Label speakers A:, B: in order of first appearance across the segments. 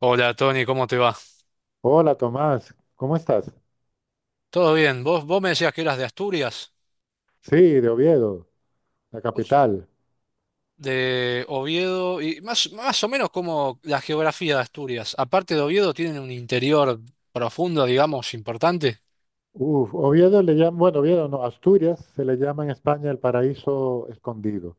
A: Hola Tony, ¿cómo te va?
B: Hola Tomás, ¿cómo estás?
A: ¿Todo bien? ¿Vos me decías que eras de Asturias?
B: Sí, de Oviedo, la
A: ¿Vos
B: capital.
A: de Oviedo? Y más o menos como la geografía de Asturias. Aparte de Oviedo, tienen un interior profundo, digamos, importante.
B: Uf, Oviedo le llaman, bueno, Oviedo no, Asturias se le llama en España el paraíso escondido.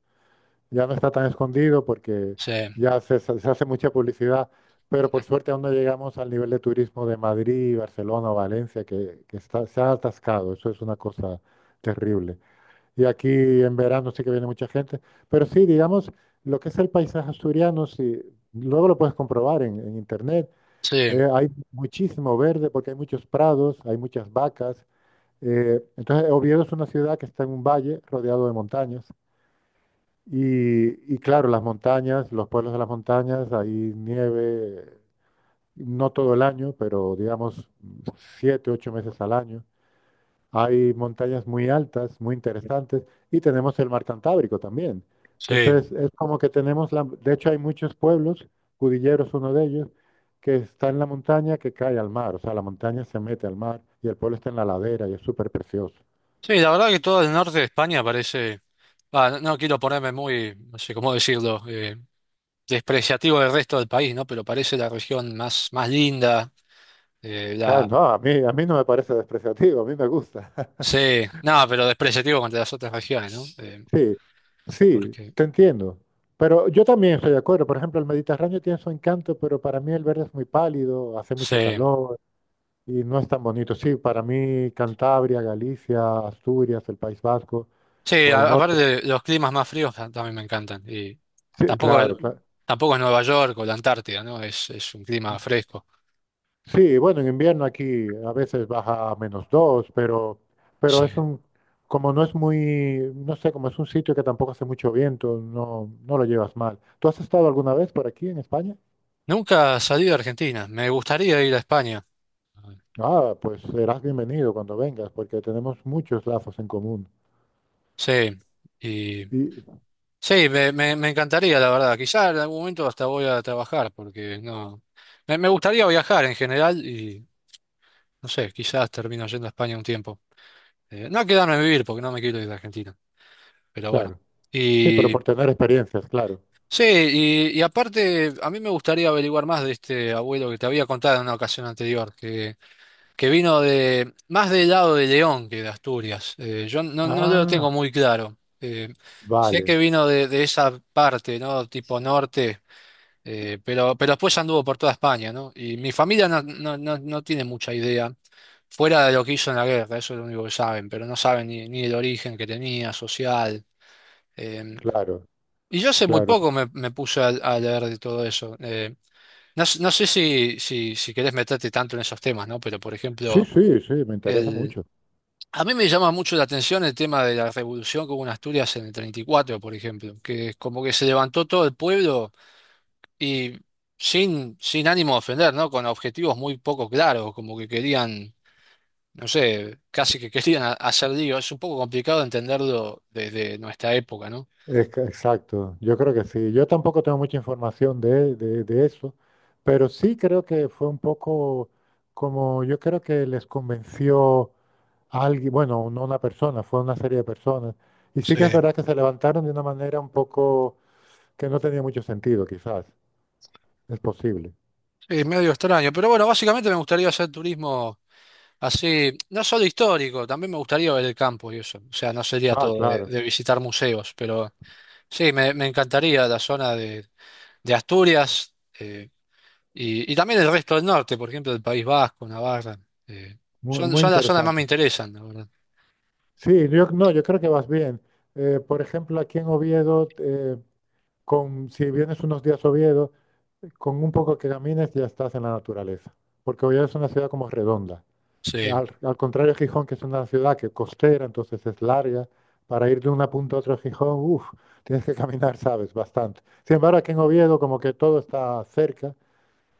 B: Ya no está tan escondido porque
A: Sí,
B: se hace mucha publicidad, pero por suerte aún no llegamos al nivel de turismo de Madrid, Barcelona o Valencia, que está, se ha atascado. Eso es una cosa terrible. Y aquí en verano sí que viene mucha gente, pero sí, digamos, lo que es el paisaje asturiano, sí, luego lo puedes comprobar en internet.
A: sí,
B: Hay muchísimo verde porque hay muchos prados, hay muchas vacas. Entonces, Oviedo es una ciudad que está en un valle rodeado de montañas. Y claro, las montañas, los pueblos de las montañas, hay nieve, no todo el año, pero digamos 7, 8 meses al año. Hay montañas muy altas, muy interesantes, y tenemos el mar Cantábrico también.
A: sí.
B: Entonces, es como que tenemos la... De hecho, hay muchos pueblos, Cudillero es uno de ellos, que está en la montaña que cae al mar. O sea, la montaña se mete al mar y el pueblo está en la ladera y es súper precioso.
A: Sí, la verdad que todo el norte de España parece... Ah, no, no quiero ponerme muy, no sé cómo decirlo, despreciativo del resto del país, ¿no? Pero parece la región más linda,
B: Ah,
A: la...
B: no, a mí no me parece despreciativo, a mí me gusta.
A: Sí, no, pero despreciativo contra las otras regiones, ¿no?
B: Sí, sí,
A: Porque
B: te entiendo. Pero yo también estoy de acuerdo. Por ejemplo, el Mediterráneo tiene su encanto, pero para mí el verde es muy pálido, hace mucho
A: sí,
B: calor. Y no es tan bonito. Sí, para mí Cantabria, Galicia, Asturias, el País Vasco
A: sí,
B: o el
A: aparte
B: norte.
A: de los climas más fríos también me encantan. Y
B: Sí,
A: tampoco,
B: claro, claro.
A: tampoco es Nueva York o la Antártida, ¿no? Es un clima fresco.
B: Sí, bueno, en invierno aquí a veces baja a menos dos, pero
A: Sí.
B: es un, como no es muy, no sé, como es un sitio que tampoco hace mucho viento, no, no lo llevas mal. ¿Tú has estado alguna vez por aquí en España?
A: Nunca salí de Argentina. Me gustaría ir a España.
B: Ah, pues serás bienvenido cuando vengas, porque tenemos muchos lazos en común.
A: Sí. Y
B: Y
A: sí, me encantaría, la verdad. Quizá en algún momento hasta voy a trabajar, porque no. Me gustaría viajar en general y no sé, quizás termino yendo a España un tiempo. No quedarme a vivir porque no me quiero ir de Argentina. Pero bueno.
B: claro, sí, pero por tener experiencias, claro.
A: Sí, y aparte, a mí me gustaría averiguar más de este abuelo que te había contado en una ocasión anterior, que vino de más del lado de León que de Asturias. Yo no lo tengo
B: Ah,
A: muy claro. Sé
B: vale,
A: que vino de esa parte, ¿no? Tipo norte, pero después anduvo por toda España, ¿no? Y mi familia no tiene mucha idea, fuera de lo que hizo en la guerra, eso es lo único que saben, pero no saben ni, ni el origen que tenía, social. eh,
B: claro.
A: y yo hace muy
B: Claro.
A: poco me puse a leer de todo eso. No, no sé si, si, si querés meterte tanto en esos temas, ¿no? Pero, por
B: Sí,
A: ejemplo,
B: sí, sí, me interesa
A: el,
B: mucho.
A: a mí me llama mucho la atención el tema de la revolución que hubo en Asturias en el 34, por ejemplo, que es como que se levantó todo el pueblo y sin, sin ánimo de ofender, ¿no? Con objetivos muy poco claros, como que querían, no sé, casi que querían hacer lío. Es un poco complicado entenderlo desde nuestra época, ¿no?
B: Es que- exacto, yo creo que sí. Yo tampoco tengo mucha información de eso, pero sí creo que fue un poco como yo creo que les convenció a alguien, bueno, no una persona, fue una serie de personas. Y sí
A: Sí.
B: que es verdad que se levantaron de una manera un poco que no tenía mucho sentido, quizás. Es posible.
A: Es medio extraño, pero bueno, básicamente me gustaría hacer turismo así, no solo histórico, también me gustaría ver el campo y eso. O sea, no sería
B: Ah,
A: todo
B: claro.
A: de visitar museos, pero sí, me encantaría la zona de Asturias, y también el resto del norte, por ejemplo, el País Vasco, Navarra. eh,
B: Muy,
A: son,
B: muy
A: son las zonas más me
B: interesante.
A: interesan, la verdad.
B: Sí, yo, no, yo creo que vas bien. Por ejemplo, aquí en Oviedo, si vienes unos días a Oviedo, con un poco que camines ya estás en la naturaleza, porque Oviedo es una ciudad como redonda.
A: Sí,
B: Al contrario de Gijón, que es una ciudad que costera, entonces es larga, para ir de una punta a otra de Gijón, uff, tienes que caminar, sabes, bastante. Sin embargo, aquí en Oviedo como que todo está cerca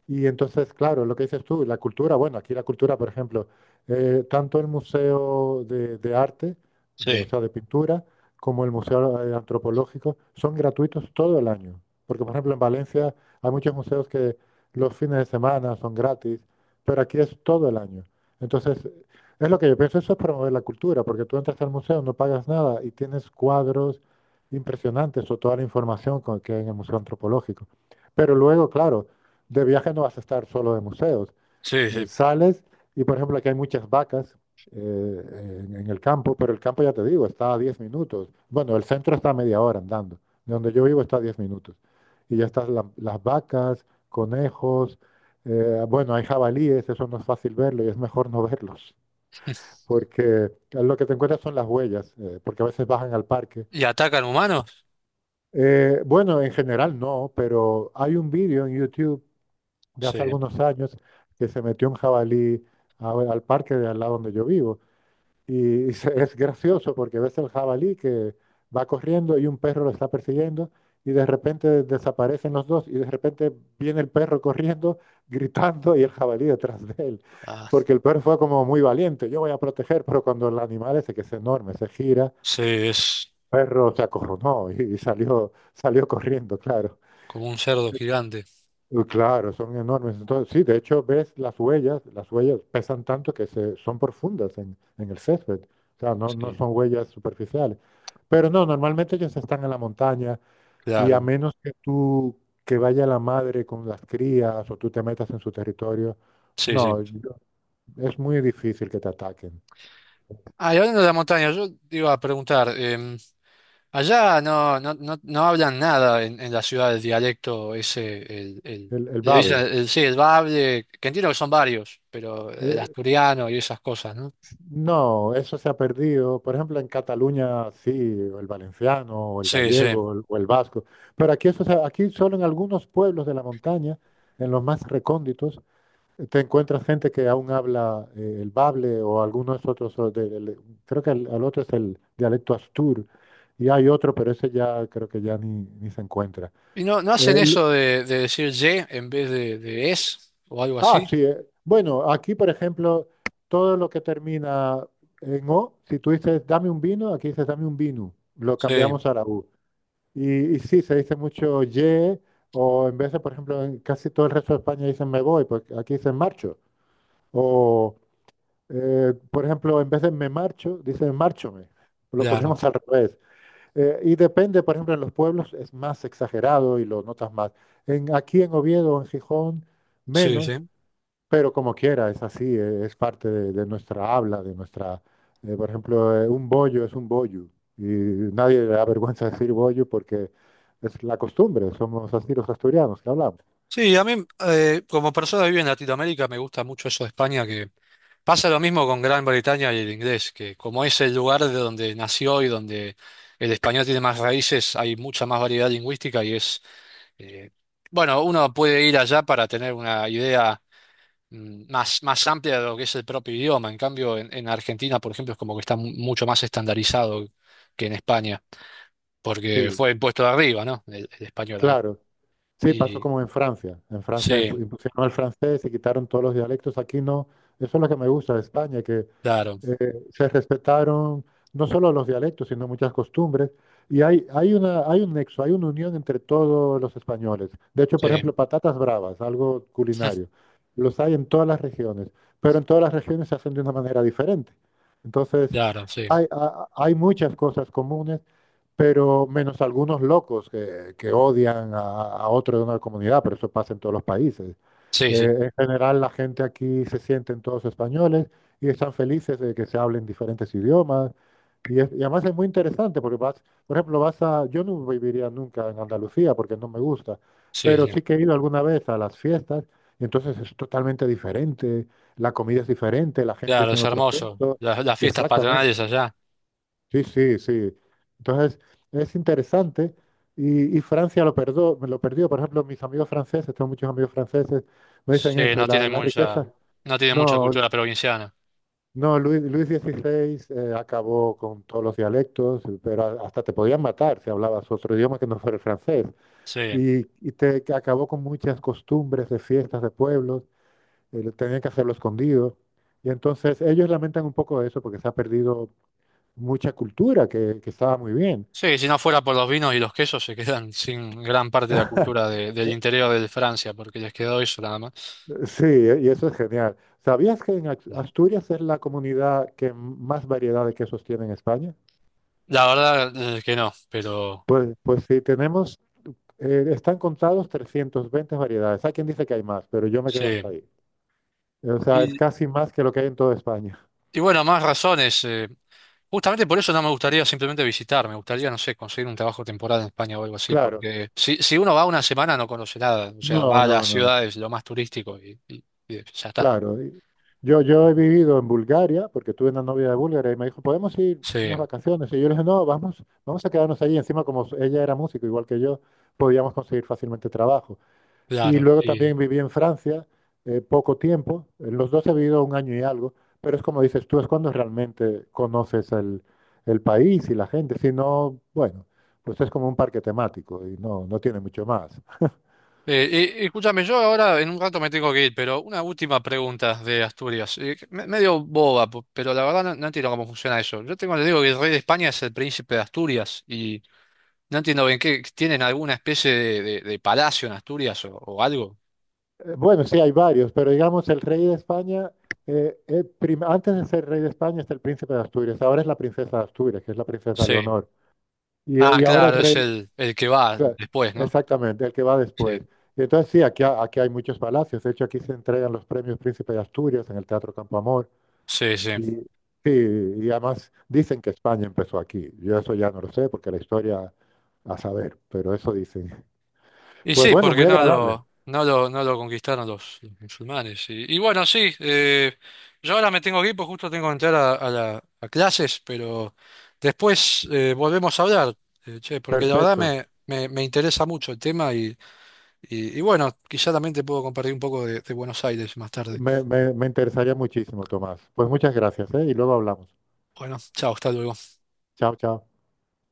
B: y entonces, claro, lo que dices tú, la cultura, bueno, aquí la cultura, por ejemplo, tanto el Museo de Arte, de, o
A: sí,
B: sea, de pintura, como el Museo Antropológico, son gratuitos todo el año. Porque, por ejemplo, en Valencia hay muchos museos que los fines de semana son gratis, pero aquí es todo el año. Entonces, es lo que yo pienso, eso es promover la cultura, porque tú entras al museo, no pagas nada y tienes cuadros impresionantes o toda la información que hay en el Museo Antropológico. Pero luego, claro, de viaje no vas a estar solo de museos.
A: sí, sí.
B: Sales y, por ejemplo, aquí hay muchas vacas en el campo, pero el campo, ya te digo, está a 10 minutos. Bueno, el centro está a media hora andando. De donde yo vivo está a 10 minutos. Y ya están las vacas, conejos, bueno, hay jabalíes, eso no es fácil verlo y es mejor no verlos, porque lo que te encuentras son las huellas, porque a veces bajan al parque.
A: ¿Y atacan humanos?
B: Bueno, en general no, pero hay un vídeo en YouTube de
A: Sí.
B: hace algunos años que se metió un jabalí al parque de al lado donde yo vivo. Es gracioso porque ves el jabalí que va corriendo y un perro lo está persiguiendo y de repente desaparecen los dos y de repente viene el perro corriendo, gritando y el jabalí detrás de él.
A: Ah,
B: Porque el perro fue como muy valiente, yo voy a proteger, pero cuando el animal ese que es enorme se gira, el
A: sí, es
B: perro se acorronó y salió, salió corriendo, claro.
A: como un cerdo gigante.
B: Claro, son enormes. Entonces, sí, de hecho ves las huellas pesan tanto que se, son profundas en el césped. O sea, no, no
A: Sí,
B: son huellas superficiales. Pero no, normalmente ellos están en la montaña y a
A: claro.
B: menos que que vaya la madre con las crías o tú te metas en su territorio,
A: Sí,
B: no,
A: sí.
B: es muy difícil que te ataquen.
A: Ah, y hablando de la montaña, yo te iba a preguntar, allá no hablan nada en, en la ciudad del dialecto ese,
B: El
A: le dicen,
B: Babel.
A: sí, el bable, que entiendo que son varios, pero el
B: eh,
A: asturiano y esas cosas, ¿no?
B: No, eso se ha perdido. Por ejemplo, en Cataluña sí, o el valenciano, o el
A: Sí,
B: gallego,
A: sí.
B: o el vasco. Pero aquí, eso, aquí solo en algunos pueblos de la montaña, en los más recónditos, te encuentras gente que aún habla el bable o algunos otros. Creo que el otro es el dialecto astur y hay otro, pero ese ya creo que ya ni, ni se encuentra.
A: ¿Y no, no hacen
B: Eh,
A: eso de decir ye en vez de es o algo
B: Ah,
A: así?
B: sí. Bueno, aquí, por ejemplo, todo lo que termina en O, si tú dices dame un vino, aquí dices dame un vino. Lo
A: Sí,
B: cambiamos a la U. Y sí, se dice mucho ye, o en vez de, por ejemplo, en casi todo el resto de España dicen me voy, pues aquí dicen marcho. O, por ejemplo, en vez de me marcho, dicen márchome. Lo
A: claro,
B: ponemos al revés. Y depende, por ejemplo, en los pueblos es más exagerado y lo notas más. Aquí en Oviedo, en Gijón,
A: sí,
B: menos.
A: sí.
B: Pero como quiera, es así, es parte de nuestra habla, de nuestra... Eh, por ejemplo, un bollo es un bollo y nadie le da vergüenza decir bollo porque es la costumbre, somos así los asturianos que hablamos.
A: Sí, a mí como persona que vive en Latinoamérica me gusta mucho eso de España, que pasa lo mismo con Gran Bretaña y el inglés, que como es el lugar de donde nació y donde el español tiene más raíces, hay mucha más variedad lingüística y es, eh, bueno, uno puede ir allá para tener una idea más amplia de lo que es el propio idioma. En cambio, en Argentina, por ejemplo, es como que está mucho más estandarizado que en España, porque
B: Sí,
A: fue impuesto de arriba, ¿no? El español acá.
B: claro. Sí, pasó
A: Y
B: como en Francia. En Francia
A: sí,
B: impusieron el francés y quitaron todos los dialectos. Aquí no. Eso es lo que me gusta de España, que
A: claro.
B: se respetaron no solo los dialectos, sino muchas costumbres. Y hay un nexo, hay una unión entre todos los españoles. De hecho, por
A: Sí.
B: ejemplo, patatas bravas, algo culinario, los hay en todas las regiones, pero en todas las regiones se hacen de una manera diferente. Entonces,
A: Claro, sí,
B: hay muchas cosas comunes, pero menos algunos locos que odian a otro de una comunidad, pero eso pasa en todos los países.
A: sí, sí,
B: En general, la gente aquí se sienten todos españoles y están felices de que se hablen diferentes idiomas. Y además es muy interesante porque vas, por ejemplo, vas a, yo no viviría nunca en Andalucía porque no me gusta,
A: sí,
B: pero
A: sí.
B: sí que he ido alguna vez a las fiestas y entonces es totalmente diferente, la comida es diferente, la gente
A: Claro, es
B: tiene otro
A: hermoso.
B: acento.
A: Las fiestas
B: Exactamente.
A: patronales allá,
B: Sí, sí, sí. Entonces es interesante y Francia lo perdió, lo perdió. Por ejemplo, mis amigos franceses, tengo muchos amigos franceses, me dicen
A: sí,
B: eso, la riqueza.
A: no tienen mucha
B: No,
A: cultura provinciana.
B: no, Luis XVI acabó con todos los dialectos, pero hasta te podían matar si hablabas otro idioma que no fuera el francés.
A: Sí,
B: Y te que acabó con muchas costumbres de fiestas de pueblos, lo tenían que hacerlo escondido. Y entonces ellos lamentan un poco eso porque se ha perdido mucha cultura que estaba muy bien.
A: sí, si no fuera por los vinos y los quesos se quedan sin gran parte de la cultura del interior de Francia, porque les quedó eso nada más.
B: Sí, y eso es genial. ¿Sabías que en
A: No.
B: Asturias es la comunidad que más variedad de quesos tiene en España?
A: La verdad que no, pero
B: Pues, pues sí, tenemos. Están contados 320 variedades. Hay quien dice que hay más, pero yo me quedo hasta
A: sí.
B: ahí. O sea, es
A: Y,
B: casi más que lo que hay en toda España.
A: y bueno, más razones. Justamente por eso no me gustaría simplemente visitar, me gustaría, no sé, conseguir un trabajo temporal en España o algo así,
B: Claro.
A: porque si, si uno va una semana no conoce nada, o sea,
B: No,
A: va a
B: no,
A: las
B: no.
A: ciudades, lo más turístico y, y ya está.
B: Claro. Y yo, he vivido en Bulgaria, porque tuve una novia de Bulgaria y me dijo, ¿podemos ir unas
A: Sí,
B: vacaciones? Y yo le dije, no, vamos, vamos a quedarnos allí. Encima, como ella era músico, igual que yo, podíamos conseguir fácilmente trabajo. Y
A: claro.
B: luego
A: Y,
B: también viví en Francia poco tiempo. En los dos he vivido 1 año y algo. Pero es como dices tú, es cuando realmente conoces el país y la gente. Si no, bueno, pues es como un parque temático y no, no tiene mucho más.
A: escúchame, yo ahora en un rato me tengo que ir, pero una última pregunta de Asturias, que medio boba, pero la verdad no, no entiendo cómo funciona eso. Yo tengo le digo que el rey de España es el príncipe de Asturias y no entiendo bien qué, ¿tienen alguna especie de, de palacio en Asturias o algo?
B: Bueno, sí hay varios, pero digamos el rey de España, antes de ser rey de España está el príncipe de Asturias. Ahora es la princesa de Asturias, que es la princesa
A: Sí.
B: Leonor.
A: Ah,
B: Y ahora el
A: claro, es
B: rey.
A: el que va
B: Claro,
A: después, ¿no?
B: exactamente, el que va después.
A: Sí,
B: Y entonces sí, aquí, aquí hay muchos palacios. De hecho, aquí se entregan los premios Príncipe de Asturias en el Teatro Campoamor.
A: sí, sí.
B: Y sí, y además dicen que España empezó aquí. Yo eso ya no lo sé porque la historia a saber, pero eso dicen.
A: Y
B: Pues
A: sí,
B: bueno, muy
A: porque no
B: agradable.
A: lo, no lo, no lo conquistaron los musulmanes. Y bueno, sí, yo ahora me tengo que ir, pues justo tengo que entrar a, a clases, pero después volvemos a hablar, che, porque la verdad
B: Perfecto.
A: me interesa mucho el tema y bueno, quizá también te puedo compartir un poco de Buenos Aires más tarde.
B: Me interesaría muchísimo, Tomás. Pues muchas gracias, ¿eh? Y luego hablamos.
A: Bueno, chao, hasta luego.
B: Chao, chao.